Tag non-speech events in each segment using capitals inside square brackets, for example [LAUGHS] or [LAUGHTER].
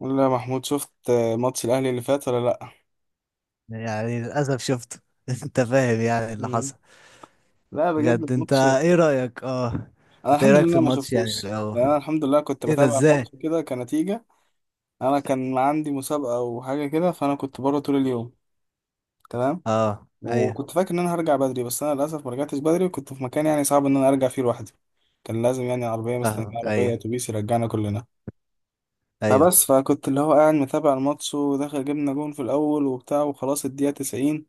لا يا محمود، شفت ماتش الاهلي اللي فات ولا لا؟ يعني للأسف شفته. [LAUGHS] انت فاهم يعني اللي مم. حصل. لا، بجد بجد انت الماتش. ايه رأيك؟ اه انا انت ايه الحمد رأيك في لله ما الماتش يعني من شفتوش، يعني انا الأول؟ الحمد لله كنت ايه ده بتابع الماتش ازاي؟ كده كنتيجة. انا كان عندي مسابقة وحاجة كده، فانا كنت بره طول اليوم. تمام. اه ايوه. وكنت فاكر ان انا هرجع بدري، بس انا للاسف ما رجعتش بدري، وكنت في مكان يعني صعب ان انا ارجع فيه لوحدي. كان لازم يعني عربية مستنية، فاهمك عربية ايوه. اتوبيس يرجعنا كلنا. ايوه. فكنت اللي هو قاعد متابع الماتش وداخل، جبنا جون في الاول وبتاع وخلاص الدقيقة 90،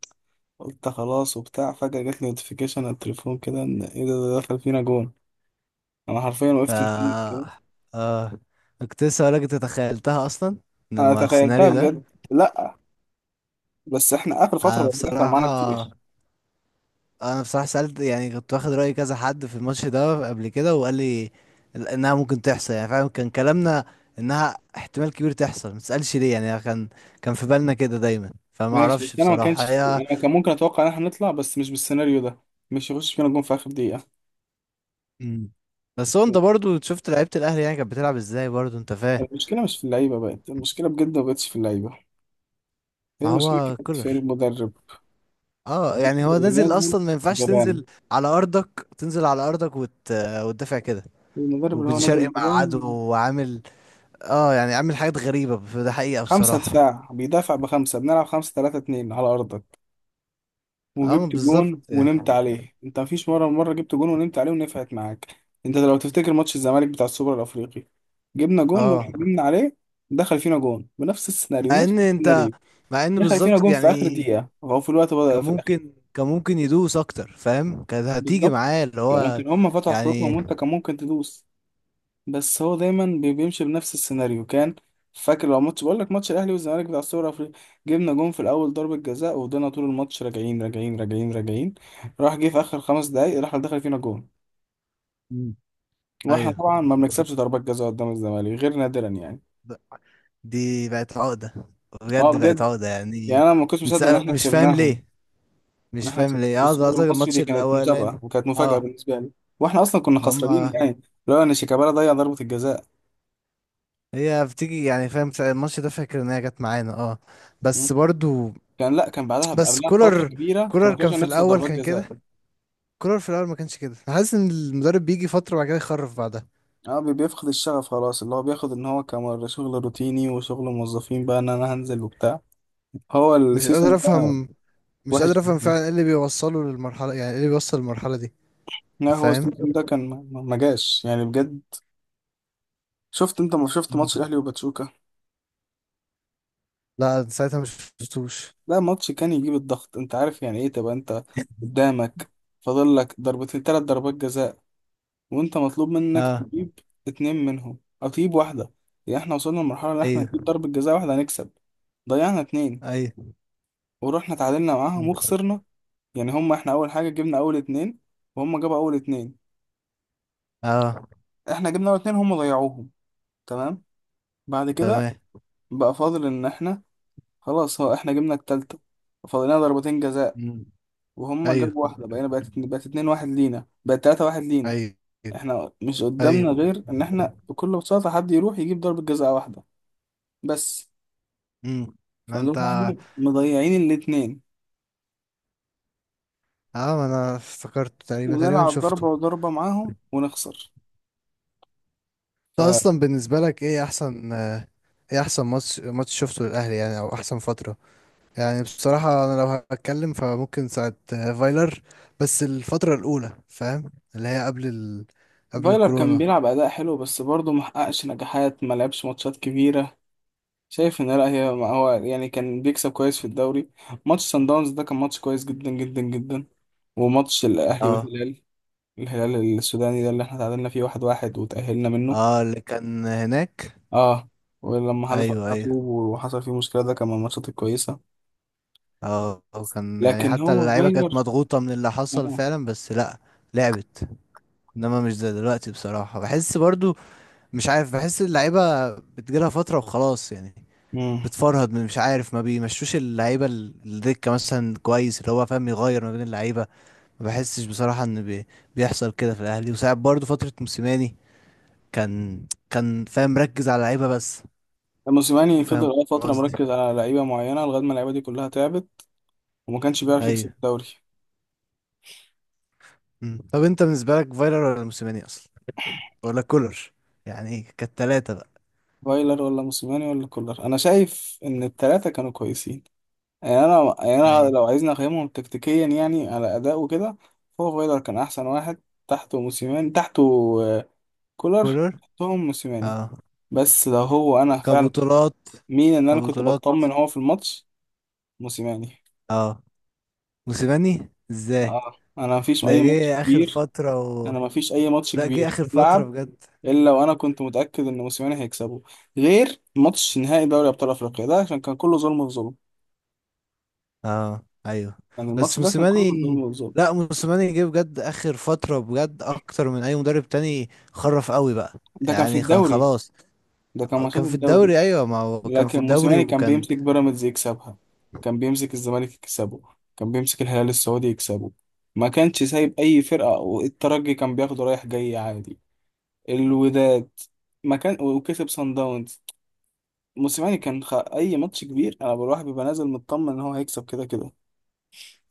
قلت خلاص وبتاع. فجأة جاتلي نوتيفيكيشن على التليفون كده ان ايه ده دخل فينا جون. انا حرفيا ف وقفت متأمل كده. اه كنت لسه هقولك انت تخيلتها اصلا انا لما تخيلتها السيناريو ده. بجد، لا. بس احنا اخر فترة انا بقى بيحصل معانا بصراحة كتير. انا بصراحه سالت يعني كنت واخد راي كذا حد في الماتش ده قبل كده وقال لي انها ممكن تحصل يعني فعلا. كان كلامنا انها احتمال كبير تحصل، ما تسالش ليه. يعني كان في بالنا كده دايما، فما ماشي، اعرفش بس انا ما بصراحه كانش. هي. انا كان ممكن اتوقع ان احنا نطلع، بس مش بالسيناريو ده، مش يخش فينا جون في اخر دقيقة. مم. بس هو انت برضو شفت لعيبه الاهلي يعني كانت بتلعب ازاي برضو انت فاهم. المشكلة مش في اللعيبة، بقت المشكلة بجد ما بقتش في اللعيبة، هي ما المشكلة هو كانت في كولر المدرب. اه يعني المدرب هو اللي نازل نازل اصلا، ما ينفعش جبان. تنزل على ارضك، تنزل على ارضك وتدافع كده. المدرب اللي وبن هو شرقي نازل مع عدو جبان. وعامل، اه يعني عامل حاجات غريبه ده حقيقه خمسة بصراحه. دفاع بيدافع بخمسة، بنلعب خمسة تلاتة اتنين على أرضك، اه وجبت بالظبط جون يعني. ونمت عليه. انت مفيش مره مره جبت جون ونمت عليه ونفعت معاك. انت لو تفتكر ماتش الزمالك بتاع السوبر الافريقي، جبنا جون اه ورحنا نمنا عليه، دخل فينا جون بنفس السيناريو، مع نفس ان انت السيناريو. مع ان دخل فينا بالظبط جون في اخر يعني. دقيقه او في الوقت كان بدأ في الاخير. ممكن كان ممكن يدوس اكتر فاهم، كانت هتيجي بالظبط، معاه اللي يعني هو كان هم فتحوا خطوطهم يعني. وانت كان ممكن تدوس. بس هو دايما بيمشي بنفس السيناريو. كان فاكر، لو ماتش، بقول لك ماتش الاهلي والزمالك بتاع السوبر الافريقي، جبنا جون في الاول ضربة جزاء وفضلنا طول الماتش راجعين راجعين راجعين راجعين، راح جه في اخر خمس دقايق راح دخل فينا جون. مم. واحنا ايوه. طبعا ما بنكسبش ضربات جزاء قدام الزمالك غير نادرا، يعني ب- دي بقت عقدة، اه بجد بقت بجد. عقدة يعني يعني. انا ما كنتش مصدق ان احنا مش فاهم كسبناهم. ليه، ان مش احنا فاهم كسبنا في ليه اه. ده السوبر قصدك المصري، دي الماتش كانت الاولاني؟ مسابقة وكانت مفاجأة اه. بالنسبة لي. واحنا اصلا كنا خسرانين هما يعني، لو ان شيكابالا ضيع ضربة الجزاء. هي بتيجي يعني فاهم ساعة الماتش ده، فاكر ان هي جت معانا اه. مم. بس برضو. كان لا كان بعدها، بس قبلها بفترة كولر كبيرة كولر كنا كل كان شوية في نخسر الاول ضربات كان كده. جزاء. كولر في الاول ما كانش كده، أنا حاسس ان المدرب بيجي فتره وبعد كده يخرف بعدها. اه بيفقد الشغف خلاص، اللي هو بياخد ان هو كمر شغل روتيني وشغل موظفين بقى، ان انا هنزل وبتاع. هو مش السيزون قادر ده افهم مش وحش قادر افهم جدا. فعلا ايه اللي بيوصله للمرحله، يعني ايه اللي بيوصل للمرحله دي. لا هو فاهم. السيزون ده كان ما جاش يعني بجد. شفت انت، ما شفت مم. ماتش الاهلي وباتشوكا؟ لا ساعتها مش شفتوش. ده ماتش كان يجيب الضغط. انت عارف يعني ايه تبقى انت قدامك فاضل لك ضربتين ثلاث ضربات جزاء، وانت مطلوب منك اه تجيب اتنين منهم او تجيب واحده. يعني احنا وصلنا لمرحله ان احنا نجيب ايوه. ضربه جزاء واحده هنكسب. ضيعنا اتنين ايوه. ورحنا تعادلنا معاهم مم. وخسرنا. يعني هم احنا اول حاجه جبنا اول اتنين، وهم جابوا اول اتنين. اه. احنا جبنا اول اتنين هم ضيعوهم. تمام. بعد كده تمام. بقى فاضل ان احنا، خلاص هو احنا جبنا التالتة، فاضلنا ضربتين جزاء، مم. وهم ايوه. جابوا واحده، بقينا بقت بقت اتنين واحد لينا، بقت تلاتة واحد لينا. ايوه. احنا مش قدامنا ايوه. غير ان احنا بكل بساطه حد يروح يجيب ضربه جزاء واحده بس. امم. ما انت فنروح احنا مضيعين الاتنين اه، ما انا افتكرت تقريبا تقريبا ونلعب ضربه شفته. وضربه معاهم ونخسر. انت اصلا بالنسبه لك ايه احسن ايه احسن ماتش، ماتش شفته للاهلي يعني او احسن فتره. يعني بصراحة أنا لو هتكلم فممكن ساعة فايلر. بس الفترة الأولى فاهم اللي هي قبل قبل فايلر كان الكورونا. بيلعب أداء حلو بس برضه محققش نجاحات، ما لعبش ماتشات كبيرة. شايف إن لا، هي، ما هو يعني كان بيكسب كويس في الدوري. ماتش سان داونز ده كان ماتش كويس جدا جدا جدا. وماتش الأهلي اه. والهلال، الهلال السوداني ده اللي احنا تعادلنا فيه واحد واحد وتأهلنا منه اه اللي كان هناك. اه. ولما حذف أيوه علينا أيوه. طوب وحصل فيه مشكلة، ده كان من الماتشات الكويسة. اه وكان يعني لكن حتى هو اللعيبة كانت فايلر مضغوطة من اللي حصل اه. فعلا. بس لأ لعبت. إنما مش زي دلوقتي بصراحة، بحس برضو مش عارف بحس اللعيبة بتجيلها فترة وخلاص يعني. مم. بتفرهد من مش عارف، ما بيمشوش اللعيبة الدكة مثلا كويس اللي هو فاهم، يغير ما بين اللعيبة. ما بحسش بصراحة ان بيحصل كده في الاهلي. وساعات برضو فترة موسيماني كان كان فاهم مركز على لعيبة بس. موسيماني فاهم فضل فترة قصدي. مركز على لعيبة معينة لغاية ما اللعيبة دي كلها تعبت، وما كانش بيعرف يكسب ايوه. الدوري. مم. طب انت بالنسبة لك فايلر ولا موسيماني اصلا ولا كولر؟ يعني ايه؟ كانت تلاتة بقى. فايلر ولا موسيماني ولا كولر، انا شايف ان الثلاثه كانوا كويسين. يعني انا، يعني انا لو ايوه. عايزني اقيمهم تكتيكيا يعني على اداء وكده، فهو فايلر كان احسن واحد، تحته موسيماني، تحته آه، كولر. كولر. تحتهم موسيماني. اه. بس لو هو انا فعلا، كبطولات. مين ان انا كنت كبطولات. بطمن هو في الماتش؟ موسيماني. اه. موسيماني ازاي؟ اه، انا مفيش ده اي ماتش جه اخر كبير، فترة انا مفيش اي ماتش لا جه كبير اخر فترة لعب بجد. الا وانا كنت متاكد ان موسيماني هيكسبه، غير ماتش نهائي دوري ابطال افريقيا ده عشان كان كله ظلم في ظلم. اه ايوه. يعني الماتش بس ده كان كله بالظبط موسيماني، بالظبط. لا موسيماني جه بجد اخر فتره بجد اكتر من اي مدرب تاني، خرف قوي بقى. ده كان في يعني كان الدوري، خلاص. ده كان ماتشات كان في الدوري. الدوري ايوه، ما هو كان في لكن الدوري موسيماني كان وكان. بيمسك بيراميدز يكسبها، كان بيمسك الزمالك يكسبه، كان بيمسك الهلال السعودي يكسبه، ما كانش سايب اي فرقة. والترجي كان بياخده رايح جاي عادي، الوداد، ما كان، وكسب سان داونز. موسيماني كان اي ماتش كبير انا بروح بيبقى نازل مطمن ان هو هيكسب كده كده.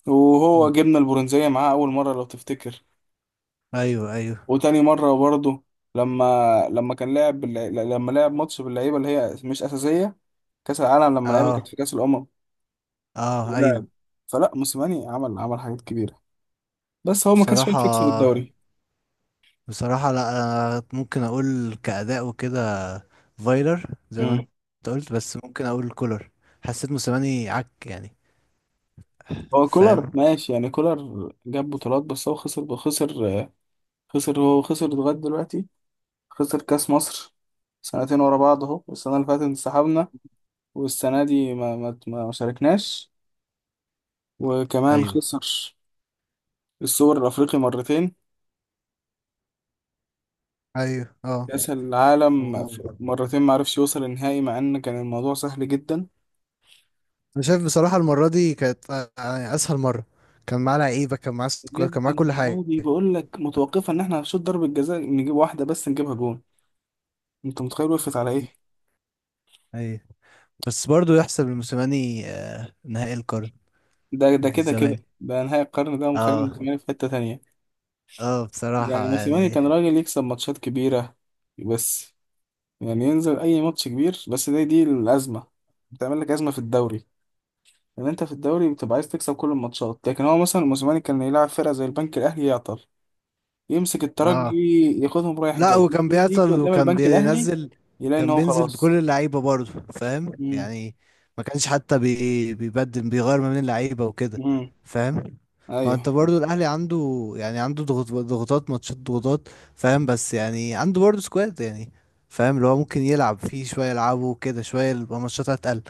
وهو مم. جبنا البرونزية معاه اول مرة لو تفتكر، ايوه. ايوه. وتاني مرة برضه. لما لما كان لعب باللع- لما لعب ماتش باللعيبة اللي هي مش أساسية، كأس العالم لما لعيبة كانت اه. في كأس الأمم، اه ولعب. ايوه. فلا، موسيماني عمل حاجات كبيرة، بس هو ما كانش فاهم بصراحه، يكسب الدوري. بصراحه لا أنا ممكن اقول كاداء وكده فايلر زي ما انت مم. قلت. بس ممكن اقول كولر، حسيت موسيماني عك يعني. هو كولر فاهم. ماشي يعني، كولر جاب بطولات بس هو خسر، خسر، خسر. هو خسر لغاية دلوقتي، خسر كأس مصر سنتين ورا بعض، اهو السنة اللي فاتت انسحبنا، والسنة دي ما شاركناش. وكمان ايوه. خسر السوبر الأفريقي مرتين. ايوه. اه كأس العالم مرتين ما عرفش يوصل النهائي، مع ان كان الموضوع سهل جدا. انا شايف بصراحه المره دي كانت يعني اسهل مره. كان معاه لعيبه، كان معاه سكواد، بجد كان معاه كل حاجه. الماضي بقول لك متوقفه ان احنا هنشوط ضربه جزاء نجيب واحده بس، نجيبها جون. انت متخيل وقفت على ايه؟ ايوه. بس برضو يحسب لموسيماني نهائي القرن ده ضد كده كده الزمالك. ده نهائي القرن، ده ومخلي اه. موسيماني في حته تانية. اه بصراحه يعني موسيماني يعني. كان راجل يكسب ماتشات كبيره، بس يعني ينزل اي ماتش كبير، بس دي الازمه بتعمل لك ازمه في الدوري. يعني انت في الدوري بتبقى عايز تكسب كل الماتشات، لكن هو مثلا موسيماني كان يلعب فرقه زي البنك الاهلي يعطل، يمسك الترجي اه ياخدهم رايح لا جاي، هو يجي كان يجي بيعطل قدام وكان البنك الاهلي بينزل. يلاقي ان كان هو بينزل بكل خلاص. اللعيبة برضه فاهم امم. يعني. ما كانش حتى بيبدل، بيغير ما بين اللعيبة وكده. امم. فاهم. ما انت ايوه. برضه الاهلي عنده يعني عنده ضغط، ضغوطات ماتشات ضغوطات فاهم. بس يعني عنده برضه سكواد يعني، فاهم اللي هو ممكن يلعب فيه شوية، يلعبه كده شوية يبقى ماتشات هتقل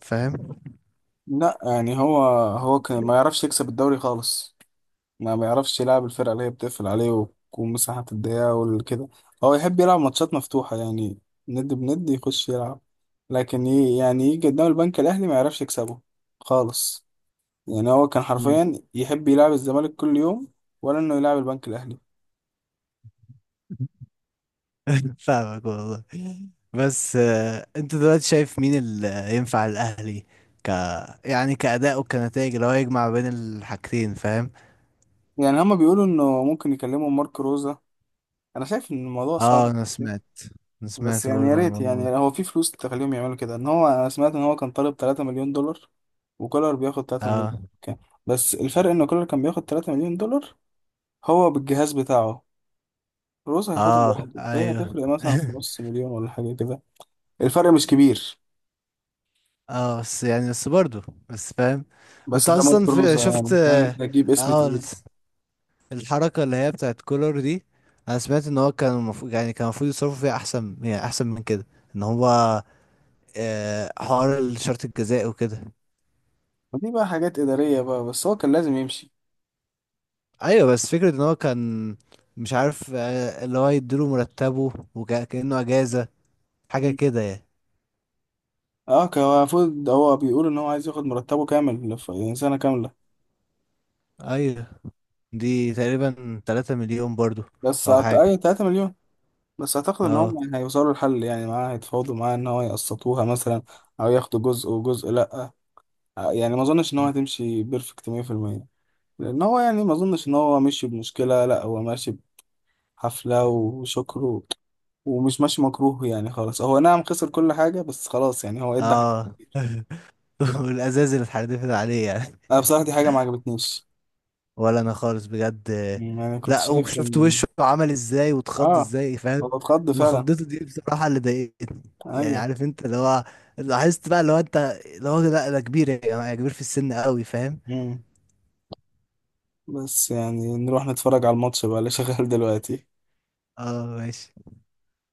فاهم. لا يعني هو كان ما يعرفش يكسب الدوري خالص، ما بيعرفش يلعب الفرقه اللي هي بتقفل عليه ومساحه الضيقه وكده. هو يحب يلعب ماتشات مفتوحه يعني، ند بند يخش يلعب، لكن يعني يجي قدام البنك الاهلي ما يعرفش يكسبه خالص. يعني هو كان مم. حرفيا يحب يلعب الزمالك كل يوم ولا انه يلعب البنك الاهلي. [LAUGHS] فاهمك والله. بس انت دلوقتي شايف مين اللي ينفع الاهلي؟ ك يعني كأداء وكنتائج اللي هو يجمع بين الحاجتين فاهم. يعني هما بيقولوا انه ممكن يكلموا مارك روزا، انا شايف ان الموضوع اه صعب. انا سمعت، انا بس سمعت يعني يا برضه عن ريت، الموضوع يعني ده. هو في فلوس تخليهم يعملوا كده ان هو. انا سمعت ان هو كان طالب 3 مليون دولار، وكولر بياخد 3 مليون اه. كان. بس الفرق ان كولر كان بياخد 3 مليون دولار هو بالجهاز بتاعه، روزا هياخدها اه لوحده فهي ايوه. هتفرق مثلا في نص مليون ولا حاجه كده. الفرق مش كبير. [LAUGHS] اه بس يعني، بس برضه، بس فاهم. وانت بس ده اصلا مارك في روزا، شفت يعني اه انت هتجيب اسم آه، تقيل. الحركة اللي هي بتاعت كولر دي. انا سمعت ان هو كان المفروض يعني كان المفروض يصرفوا فيها احسن يعني احسن من كده. ان هو حوار الشرط الجزائي وكده. ودي بقى حاجات اداريه بقى، بس هو كان لازم يمشي. ايوه بس فكرة ان هو كان مش عارف اللي هو يديله مرتبه وكأنه اجازة، حاجة كده يعني. اه كان هو المفروض، هو بيقول ان هو عايز ياخد مرتبه كامل، يعني سنه كامله. ايوه. دي تقريبا 3 مليون برضو بس او حاجة. اي 3 مليون. بس اعتقد ان اه. هم هيوصلوا لحل، يعني معاه هيتفاوضوا معاه ان هو يقسطوها مثلا او ياخدوا جزء وجزء، لا يعني ما اظنش ان هو هتمشي بيرفكت 100%. لان هو يعني ما اظنش ان هو ماشي بمشكله، لا هو ماشي بحفله وشكر ومش ماشي مكروه يعني خالص. هو نعم خسر كل حاجه، بس خلاص يعني هو ادى حاجه. اه. [LAUGHS] والازاز اللي اتحدفت عليه يعني. انا بصراحه دي حاجه ما عجبتنيش، ولا انا خالص بجد. يعني كنت لا شايف وشفت ان وشه عمل ازاي واتخض اه ازاي هو فاهم. اتخض انا فعلا. خضته دي بصراحه اللي ضايقتني. يعني ايوه. عارف انت اللي هو، لاحظت بقى اللي هو انت، اللي هو لا ده كبير يا جماعه، كبير في السن قوي فاهم. مم. بس يعني نروح نتفرج على الماتش بقى اللي شغال دلوقتي. اه ماشي.